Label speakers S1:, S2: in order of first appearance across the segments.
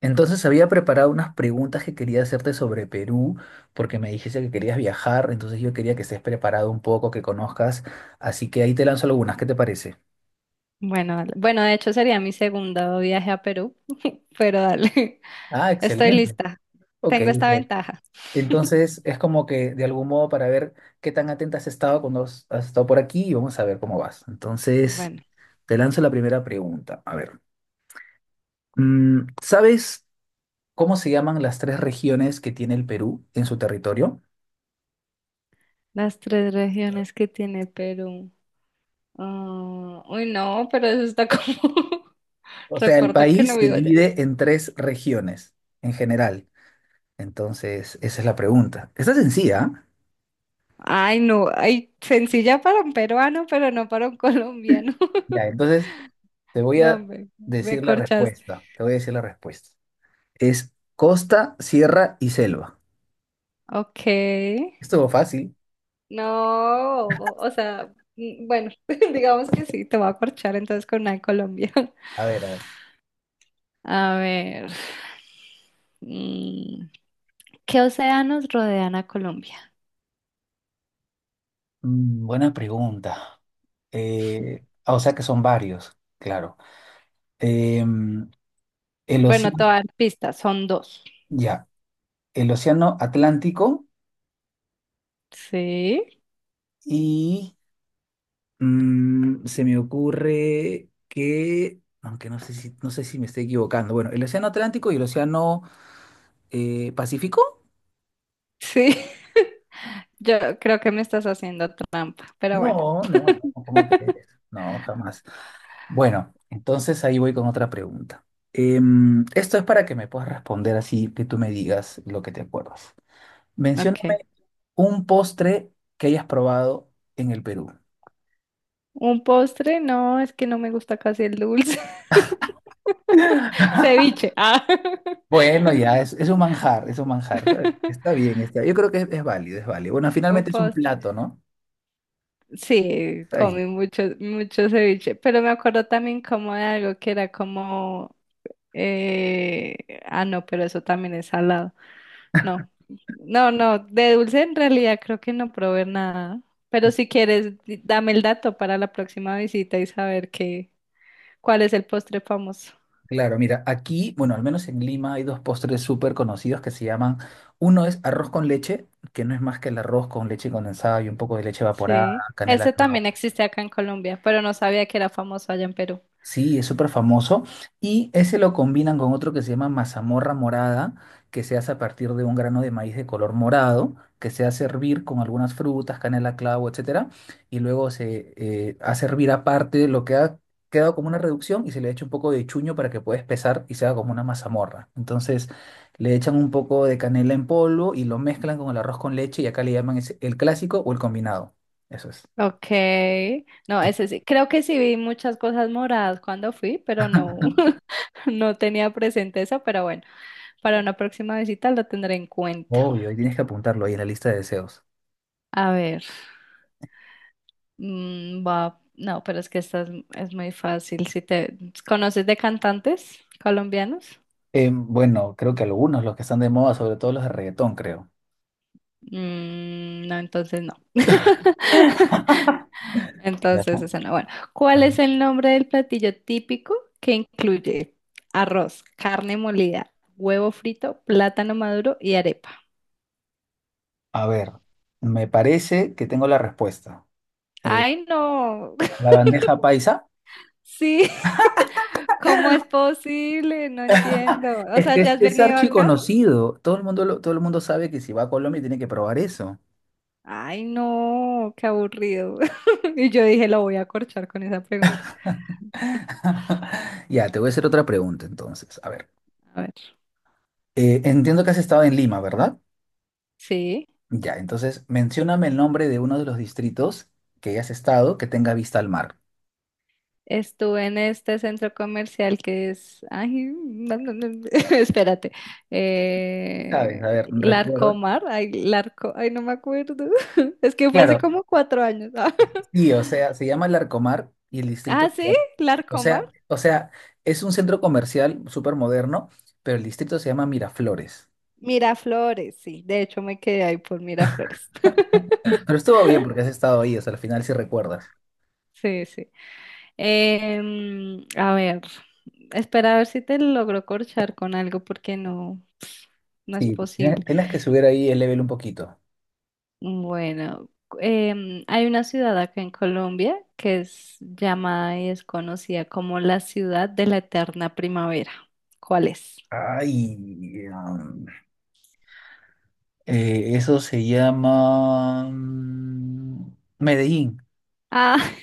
S1: Entonces había preparado unas preguntas que quería hacerte sobre Perú, porque me dijiste que querías viajar, entonces yo quería que estés preparado un poco, que conozcas, así que ahí te lanzo algunas, ¿qué te parece?
S2: Bueno, dale. Bueno, de hecho sería mi segundo viaje a Perú, pero dale,
S1: Ah,
S2: estoy
S1: excelente.
S2: lista.
S1: Ok,
S2: Tengo esta
S1: ok.
S2: ventaja.
S1: Entonces es como que de algún modo para ver qué tan atenta has estado cuando has estado por aquí y vamos a ver cómo vas. Entonces
S2: Bueno,
S1: te lanzo la primera pregunta. A ver, ¿sabes cómo se llaman las tres regiones que tiene el Perú en su territorio?
S2: las tres regiones que tiene Perú. Ah, uy, no, pero eso está como...
S1: O sea, el
S2: Recuerda que
S1: país
S2: no
S1: se
S2: vivo allá.
S1: divide en tres regiones en general. Entonces, esa es la pregunta. Está sencilla, ¿ah?
S2: Ay, no, ay, sencilla para un peruano, pero no para un colombiano.
S1: Ya, entonces te voy
S2: No,
S1: a
S2: me
S1: decir la
S2: corchaste.
S1: respuesta. Te voy a decir la respuesta. Es costa, sierra y selva.
S2: Ok.
S1: Estuvo fácil.
S2: No, o sea, bueno, digamos que sí, te voy a corchar entonces con una de Colombia.
S1: A ver, a ver.
S2: A ver, mm, ¿qué océanos rodean a Colombia?
S1: Buena pregunta. O sea que son varios, claro. Em, el
S2: Bueno,
S1: océano,
S2: todas pistas, son dos.
S1: ya, el océano Atlántico
S2: Sí,
S1: y se me ocurre que, aunque no sé si me estoy equivocando, bueno, el Océano Atlántico y el Océano Pacífico.
S2: sí, yo creo que me estás haciendo trampa, pero bueno.
S1: No, no, no, ¿cómo crees? No, jamás. Bueno, entonces ahí voy con otra pregunta. Esto es para que me puedas responder así, que tú me digas lo que te acuerdas.
S2: Ok.
S1: Mencióname un postre que hayas probado en el Perú.
S2: Un postre, no, es que no me gusta casi el dulce. Ceviche. Ah.
S1: Bueno, ya, es un manjar, es un manjar. Está bien, está. Yo creo que es válido, es válido. Bueno,
S2: Un
S1: finalmente es un
S2: postre.
S1: plato, ¿no?
S2: Sí,
S1: Está bien.
S2: comí mucho, mucho ceviche, pero me acuerdo también como de algo que era como, eh, ah, no, pero eso también es salado. No, no, no, de dulce en realidad creo que no probé nada, pero si quieres, dame el dato para la próxima visita y saber qué, cuál es el postre famoso.
S1: Claro, mira, aquí, bueno, al menos en Lima hay dos postres súper conocidos que se llaman, uno es arroz con leche, que no es más que el arroz con leche condensada y un poco de leche evaporada,
S2: Sí,
S1: canela,
S2: ese
S1: clavo.
S2: también existe acá en Colombia, pero no sabía que era famoso allá en Perú.
S1: Sí, es súper famoso. Y ese lo combinan con otro que se llama mazamorra morada, que se hace a partir de un grano de maíz de color morado, que se hace hervir con algunas frutas, canela, clavo, etcétera. Y luego se hace hervir aparte lo que ha quedado como una reducción y se le echa un poco de chuño para que pueda espesar y se haga como una mazamorra. Entonces le echan un poco de canela en polvo y lo mezclan con el arroz con leche y acá le llaman el clásico o el combinado. Eso es.
S2: Ok, no, ese sí, creo que sí vi muchas cosas moradas cuando fui, pero no, no tenía presente eso, pero bueno, para una próxima visita lo tendré en cuenta.
S1: Obvio, y tienes que apuntarlo ahí en la lista de deseos.
S2: A ver, va, no, pero es que esta es muy fácil. Si te conoces de cantantes colombianos.
S1: Bueno, creo que algunos, los que están de moda, sobre todo los de reggaetón, creo.
S2: Mm, no, entonces no.
S1: Ya.
S2: Entonces esa no. Bueno, ¿cuál es el nombre del platillo típico que incluye arroz, carne molida, huevo frito, plátano maduro y arepa?
S1: A ver, me parece que tengo la respuesta. Eh,
S2: Ay, no.
S1: la bandeja paisa,
S2: Sí. ¿Cómo es posible? No entiendo. O sea, ¿ya has
S1: es
S2: venido acá?
S1: archiconocido. Todo el mundo todo el mundo sabe que si va a Colombia tiene que probar eso.
S2: Ay, no, qué aburrido. Y yo dije, lo voy a corchar con esa pregunta.
S1: Ya, te voy a hacer otra pregunta entonces. A ver,
S2: A ver.
S1: entiendo que has estado en Lima, ¿verdad?
S2: Sí,
S1: Ya, entonces mencióname el nombre de uno de los distritos que hayas estado que tenga vista al mar.
S2: estuve en este centro comercial que es, ay, no, no, no, espérate,
S1: ¿Sabes?
S2: eh,
S1: A ver, recuerda.
S2: Larcomar, ay, Larco, ay, no me acuerdo, es que fue hace
S1: Claro,
S2: como 4 años.
S1: sí, o sea, se llama Larcomar y el distrito
S2: Ah,
S1: se
S2: sí,
S1: llama, o
S2: Larcomar,
S1: sea, o sea, es un centro comercial súper moderno, pero el distrito se llama Miraflores.
S2: Miraflores, sí. De hecho, me quedé ahí por Miraflores.
S1: Pero estuvo bien porque has estado ahí, o sea, al final sí recuerdas.
S2: Sí, sí. Em, a ver, espera a ver si te logro corchar con algo porque no, no es
S1: Sí, tenías
S2: posible.
S1: tenías que subir ahí el level un poquito.
S2: Bueno, em, hay una ciudad acá en Colombia que es llamada y es conocida como la ciudad de la eterna primavera. ¿Cuál es?
S1: Ay, eso se llama Medellín.
S2: Ah,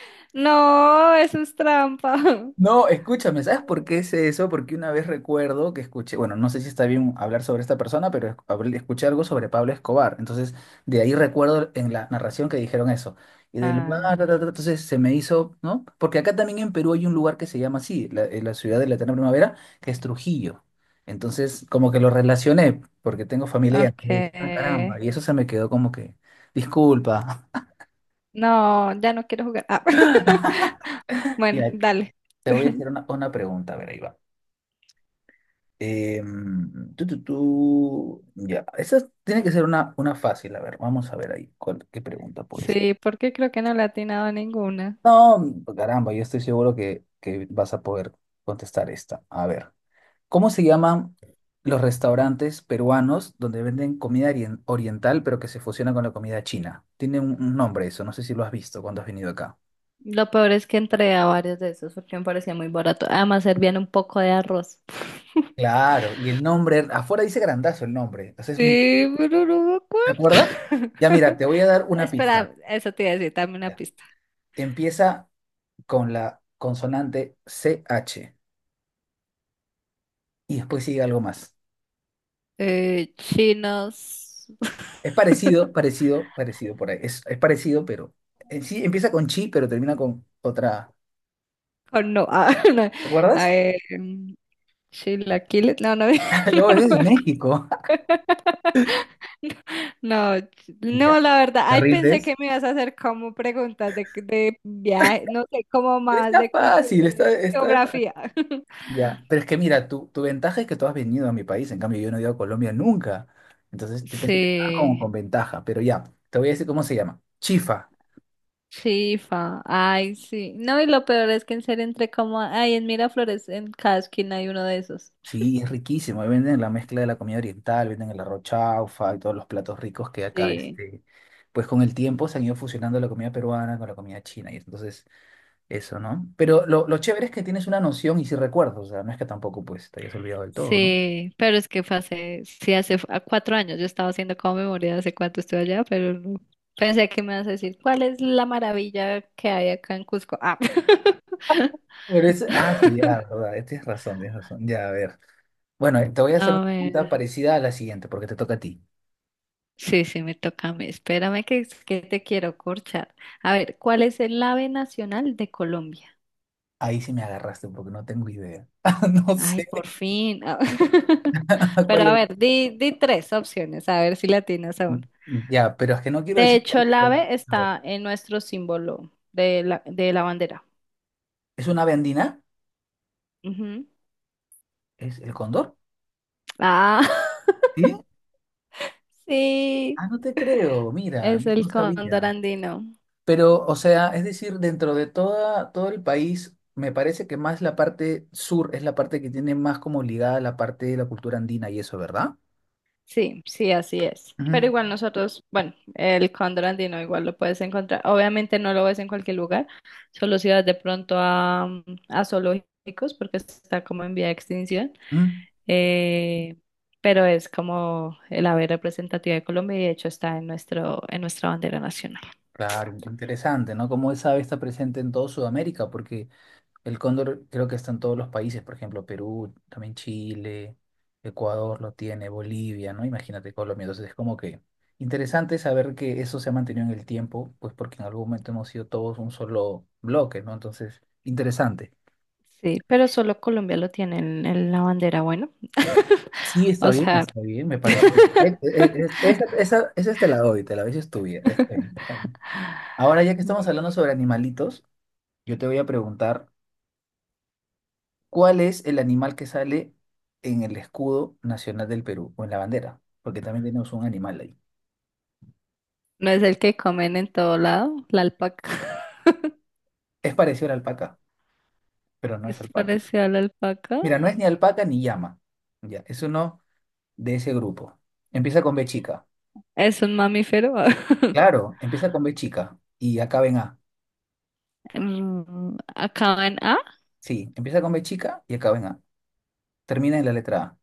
S2: no, eso es trampa.
S1: No, escúchame, ¿sabes por qué es eso? Porque una vez recuerdo que escuché, bueno, no sé si está bien hablar sobre esta persona, pero escuché algo sobre Pablo Escobar. Entonces, de ahí recuerdo en la narración que dijeron eso. Y del lugar, ta, ta,
S2: Ah,
S1: ta, entonces se me hizo, ¿no? Porque acá también en Perú hay un lugar que se llama así, la ciudad de la eterna primavera, que es Trujillo. Entonces, como que lo relacioné, porque tengo familia y entonces dije, ah, caramba,
S2: ok.
S1: y eso se me quedó como que, disculpa.
S2: No, ya no quiero jugar. Ah.
S1: Y
S2: Bueno, dale.
S1: te voy a hacer una pregunta, a ver, ahí va. Ya, esa tiene que ser una fácil. A ver, vamos a ver ahí qué pregunta puede ser.
S2: Sí, porque creo que no le he atinado a ninguna.
S1: No, caramba, yo estoy seguro que vas a poder contestar esta. A ver, ¿cómo se llaman los restaurantes peruanos donde venden comida oriental pero que se fusiona con la comida china? Tiene un nombre eso, no sé si lo has visto cuando has venido acá.
S2: Lo peor es que entré a varios de esos porque me parecía muy barato. Además, servían un poco de arroz.
S1: Claro, y el nombre, afuera dice grandazo el nombre, entonces es muy...
S2: Sí, pero no me
S1: ¿Te acuerdas?
S2: acuerdo.
S1: Ya mira, te voy a dar una pista.
S2: Espera, eso te iba a decir, dame una
S1: Ya.
S2: pista.
S1: Empieza con la consonante CH. Y después sigue algo más.
S2: Chinos.
S1: Es parecido, parecido, parecido por ahí. Es parecido, pero en sí empieza con chi, pero termina con otra.
S2: Oh, no, ah, no.
S1: ¿Te
S2: Ah,
S1: acuerdas?
S2: chilaquiles. No, no, no,
S1: No,
S2: no me
S1: es de
S2: acuerdo.
S1: México.
S2: No, no,
S1: Ya,
S2: la verdad,
S1: ¿te
S2: ay, pensé
S1: rindes?
S2: que me ibas a hacer como preguntas de viaje, no sé, como
S1: Pero
S2: más
S1: está
S2: de cultura,
S1: fácil,
S2: de geografía.
S1: ya, pero es que mira, tu ventaja es que tú has venido a mi país, en cambio yo no he ido a Colombia nunca. Entonces yo pensé que estaba como
S2: Sí,
S1: con ventaja, pero ya, te voy a decir cómo se llama. Chifa.
S2: sí, fa, ay, sí. No, y lo peor es que en serio entré como, ay, en Miraflores, en cada esquina hay uno de esos.
S1: Sí, es riquísimo. Ahí venden la mezcla de la comida oriental, venden el arroz chaufa y todos los platos ricos que acá,
S2: Sí,
S1: pues con el tiempo se han ido fusionando la comida peruana con la comida china y entonces eso, ¿no? Pero lo chévere es que tienes una noción y si recuerdas, o sea, no es que tampoco pues te hayas olvidado del todo, ¿no?
S2: sí, pero es que fue hace, sí, a 4 años, yo estaba haciendo como memoria de hace cuánto estuve allá, pero no. Pensé que me ibas a decir, ¿cuál es la maravilla que hay acá en Cusco? Ah.
S1: Pero es, ah, sí, ya, verdad, tienes razón, tienes razón. Ya, a ver. Bueno, te voy a hacer
S2: A
S1: una pregunta
S2: ver,
S1: parecida a la siguiente porque te toca a ti.
S2: sí, sí, me toca a mí. Espérame que, es que te quiero corchar. A ver, ¿cuál es el ave nacional de Colombia?
S1: Ahí sí me agarraste porque no tengo idea. No
S2: Ay,
S1: sé
S2: por fin. Ah, pero
S1: cuál
S2: a
S1: es.
S2: ver, di, di tres opciones, a ver si la tienes aún.
S1: Ya, pero es que no quiero
S2: De
S1: decir
S2: hecho, el
S1: cuál.
S2: ave
S1: A ver.
S2: está en nuestro símbolo de la bandera.
S1: ¿Es una ave andina?
S2: Ujú.
S1: ¿Es el cóndor?
S2: Ah,
S1: ¿Sí?
S2: sí,
S1: Ah, no te creo, mira,
S2: es el
S1: no
S2: cóndor
S1: sabía.
S2: andino.
S1: Pero, o sea, es decir, todo el país, me parece que más la parte sur es la parte que tiene más como ligada a la parte de la cultura andina y eso, ¿verdad?
S2: Sí, sí, así es. Pero
S1: Ujú,
S2: igual nosotros, bueno, el cóndor andino igual lo puedes encontrar. Obviamente no lo ves en cualquier lugar, solo si vas de pronto a, a zoológicos porque está como en vía de extinción.
S1: ujú.
S2: Eh, pero es como el ave representativa de Colombia y de hecho está en nuestro, en nuestra bandera nacional.
S1: Claro, interesante, ¿no? Como esa ave está presente en toda Sudamérica, porque el cóndor creo que está en todos los países, por ejemplo, Perú, también Chile, Ecuador lo tiene, Bolivia, ¿no? Imagínate Colombia. Entonces es como que interesante saber que eso se ha mantenido en el tiempo, pues porque en algún momento hemos sido todos un solo bloque, ¿no? Entonces, interesante.
S2: Sí, pero solo Colombia lo tiene en la bandera, bueno.
S1: Sí,
S2: O sea.
S1: está bien, me parece perfecto. Esa, esa te la doy, esa es tuya. Está bien, está bien. Ahora, ya que estamos
S2: Bueno.
S1: hablando sobre animalitos, yo te voy a preguntar. ¿Cuál es el animal que sale en el escudo nacional del Perú o en la bandera? Porque también tenemos un animal ahí.
S2: ¿No es el que comen en todo lado? La alpaca.
S1: Es parecido a la alpaca, pero no
S2: ¿Es
S1: es alpaca.
S2: parecido a la alpaca?
S1: Mira, no es ni alpaca ni llama. Ya, es uno de ese grupo. Empieza con B chica.
S2: ¿Es un mamífero?
S1: Claro, empieza con B chica y acaba en A.
S2: Mm, acaba en A,
S1: Sí, empieza con B chica y acaba en A. Termina en la letra A.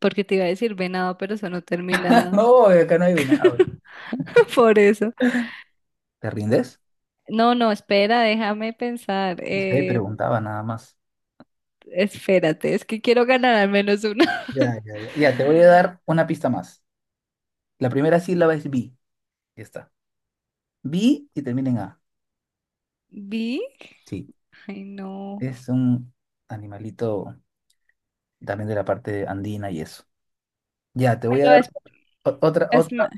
S2: porque te iba a decir venado, pero eso no termina
S1: No, acá no hay venado.
S2: por eso.
S1: ¿Te rindes?
S2: No, no, espera, déjame pensar.
S1: No sé, preguntaba nada más.
S2: Espérate, es que quiero ganar al menos una.
S1: Ya, ya, ya. Ya, te voy a dar una pista más. La primera sílaba es B. Ya está. B y termina en A.
S2: ¿Big?
S1: Sí,
S2: Ay, no.
S1: es un animalito también de la parte andina y eso. Ya, te voy a
S2: Pero
S1: dar
S2: es,
S1: o- otra,
S2: es,
S1: otra,
S2: ma-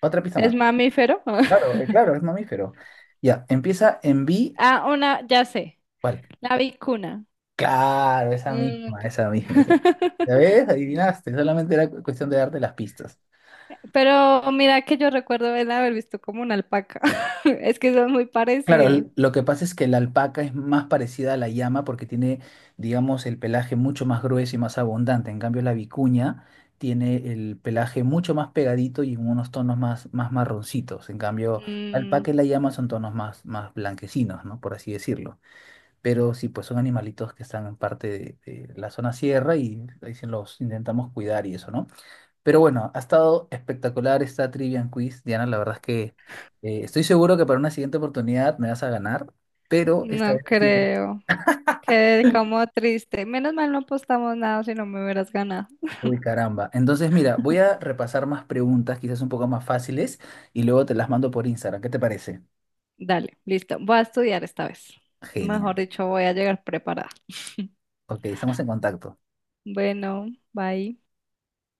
S1: otra pista
S2: es
S1: más.
S2: mamífero.
S1: Claro, claro, es mamífero. Ya, empieza en B.
S2: Ah, una, ya sé.
S1: ¿Cuál?
S2: La vicuna.
S1: Claro, esa
S2: Mm,
S1: misma,
S2: ya.
S1: esa misma, esa. ¿Ya ves? Adivinaste, solamente era cuestión de darte las pistas.
S2: Pero mira que yo recuerdo el haber visto como una alpaca. Es que son muy
S1: Claro,
S2: parecidas.
S1: lo que pasa es que la alpaca es más parecida a la llama porque tiene, digamos, el pelaje mucho más grueso y más abundante. En cambio, la vicuña tiene el pelaje mucho más pegadito y en unos tonos más, más marroncitos. En cambio, la
S2: Mm,
S1: alpaca y la llama son tonos más, más blanquecinos, ¿no? Por así decirlo. Pero sí, pues son animalitos que están en parte de la zona sierra y ahí se los intentamos cuidar y eso, ¿no? Pero bueno, ha estado espectacular esta Trivia and Quiz, Diana. La verdad es que estoy seguro que para una siguiente oportunidad me vas a ganar, pero esta
S2: no
S1: vez ha sido...
S2: creo. Quedé como triste. Menos mal no apostamos nada si no me hubieras ganado.
S1: Uy, caramba. Entonces, mira, voy a repasar más preguntas, quizás un poco más fáciles, y luego te las mando por Instagram. ¿Qué te parece?
S2: Dale, listo. Voy a estudiar esta vez. Mejor
S1: Genial.
S2: dicho, voy a llegar preparada.
S1: Ok, estamos en contacto.
S2: Bueno, bye.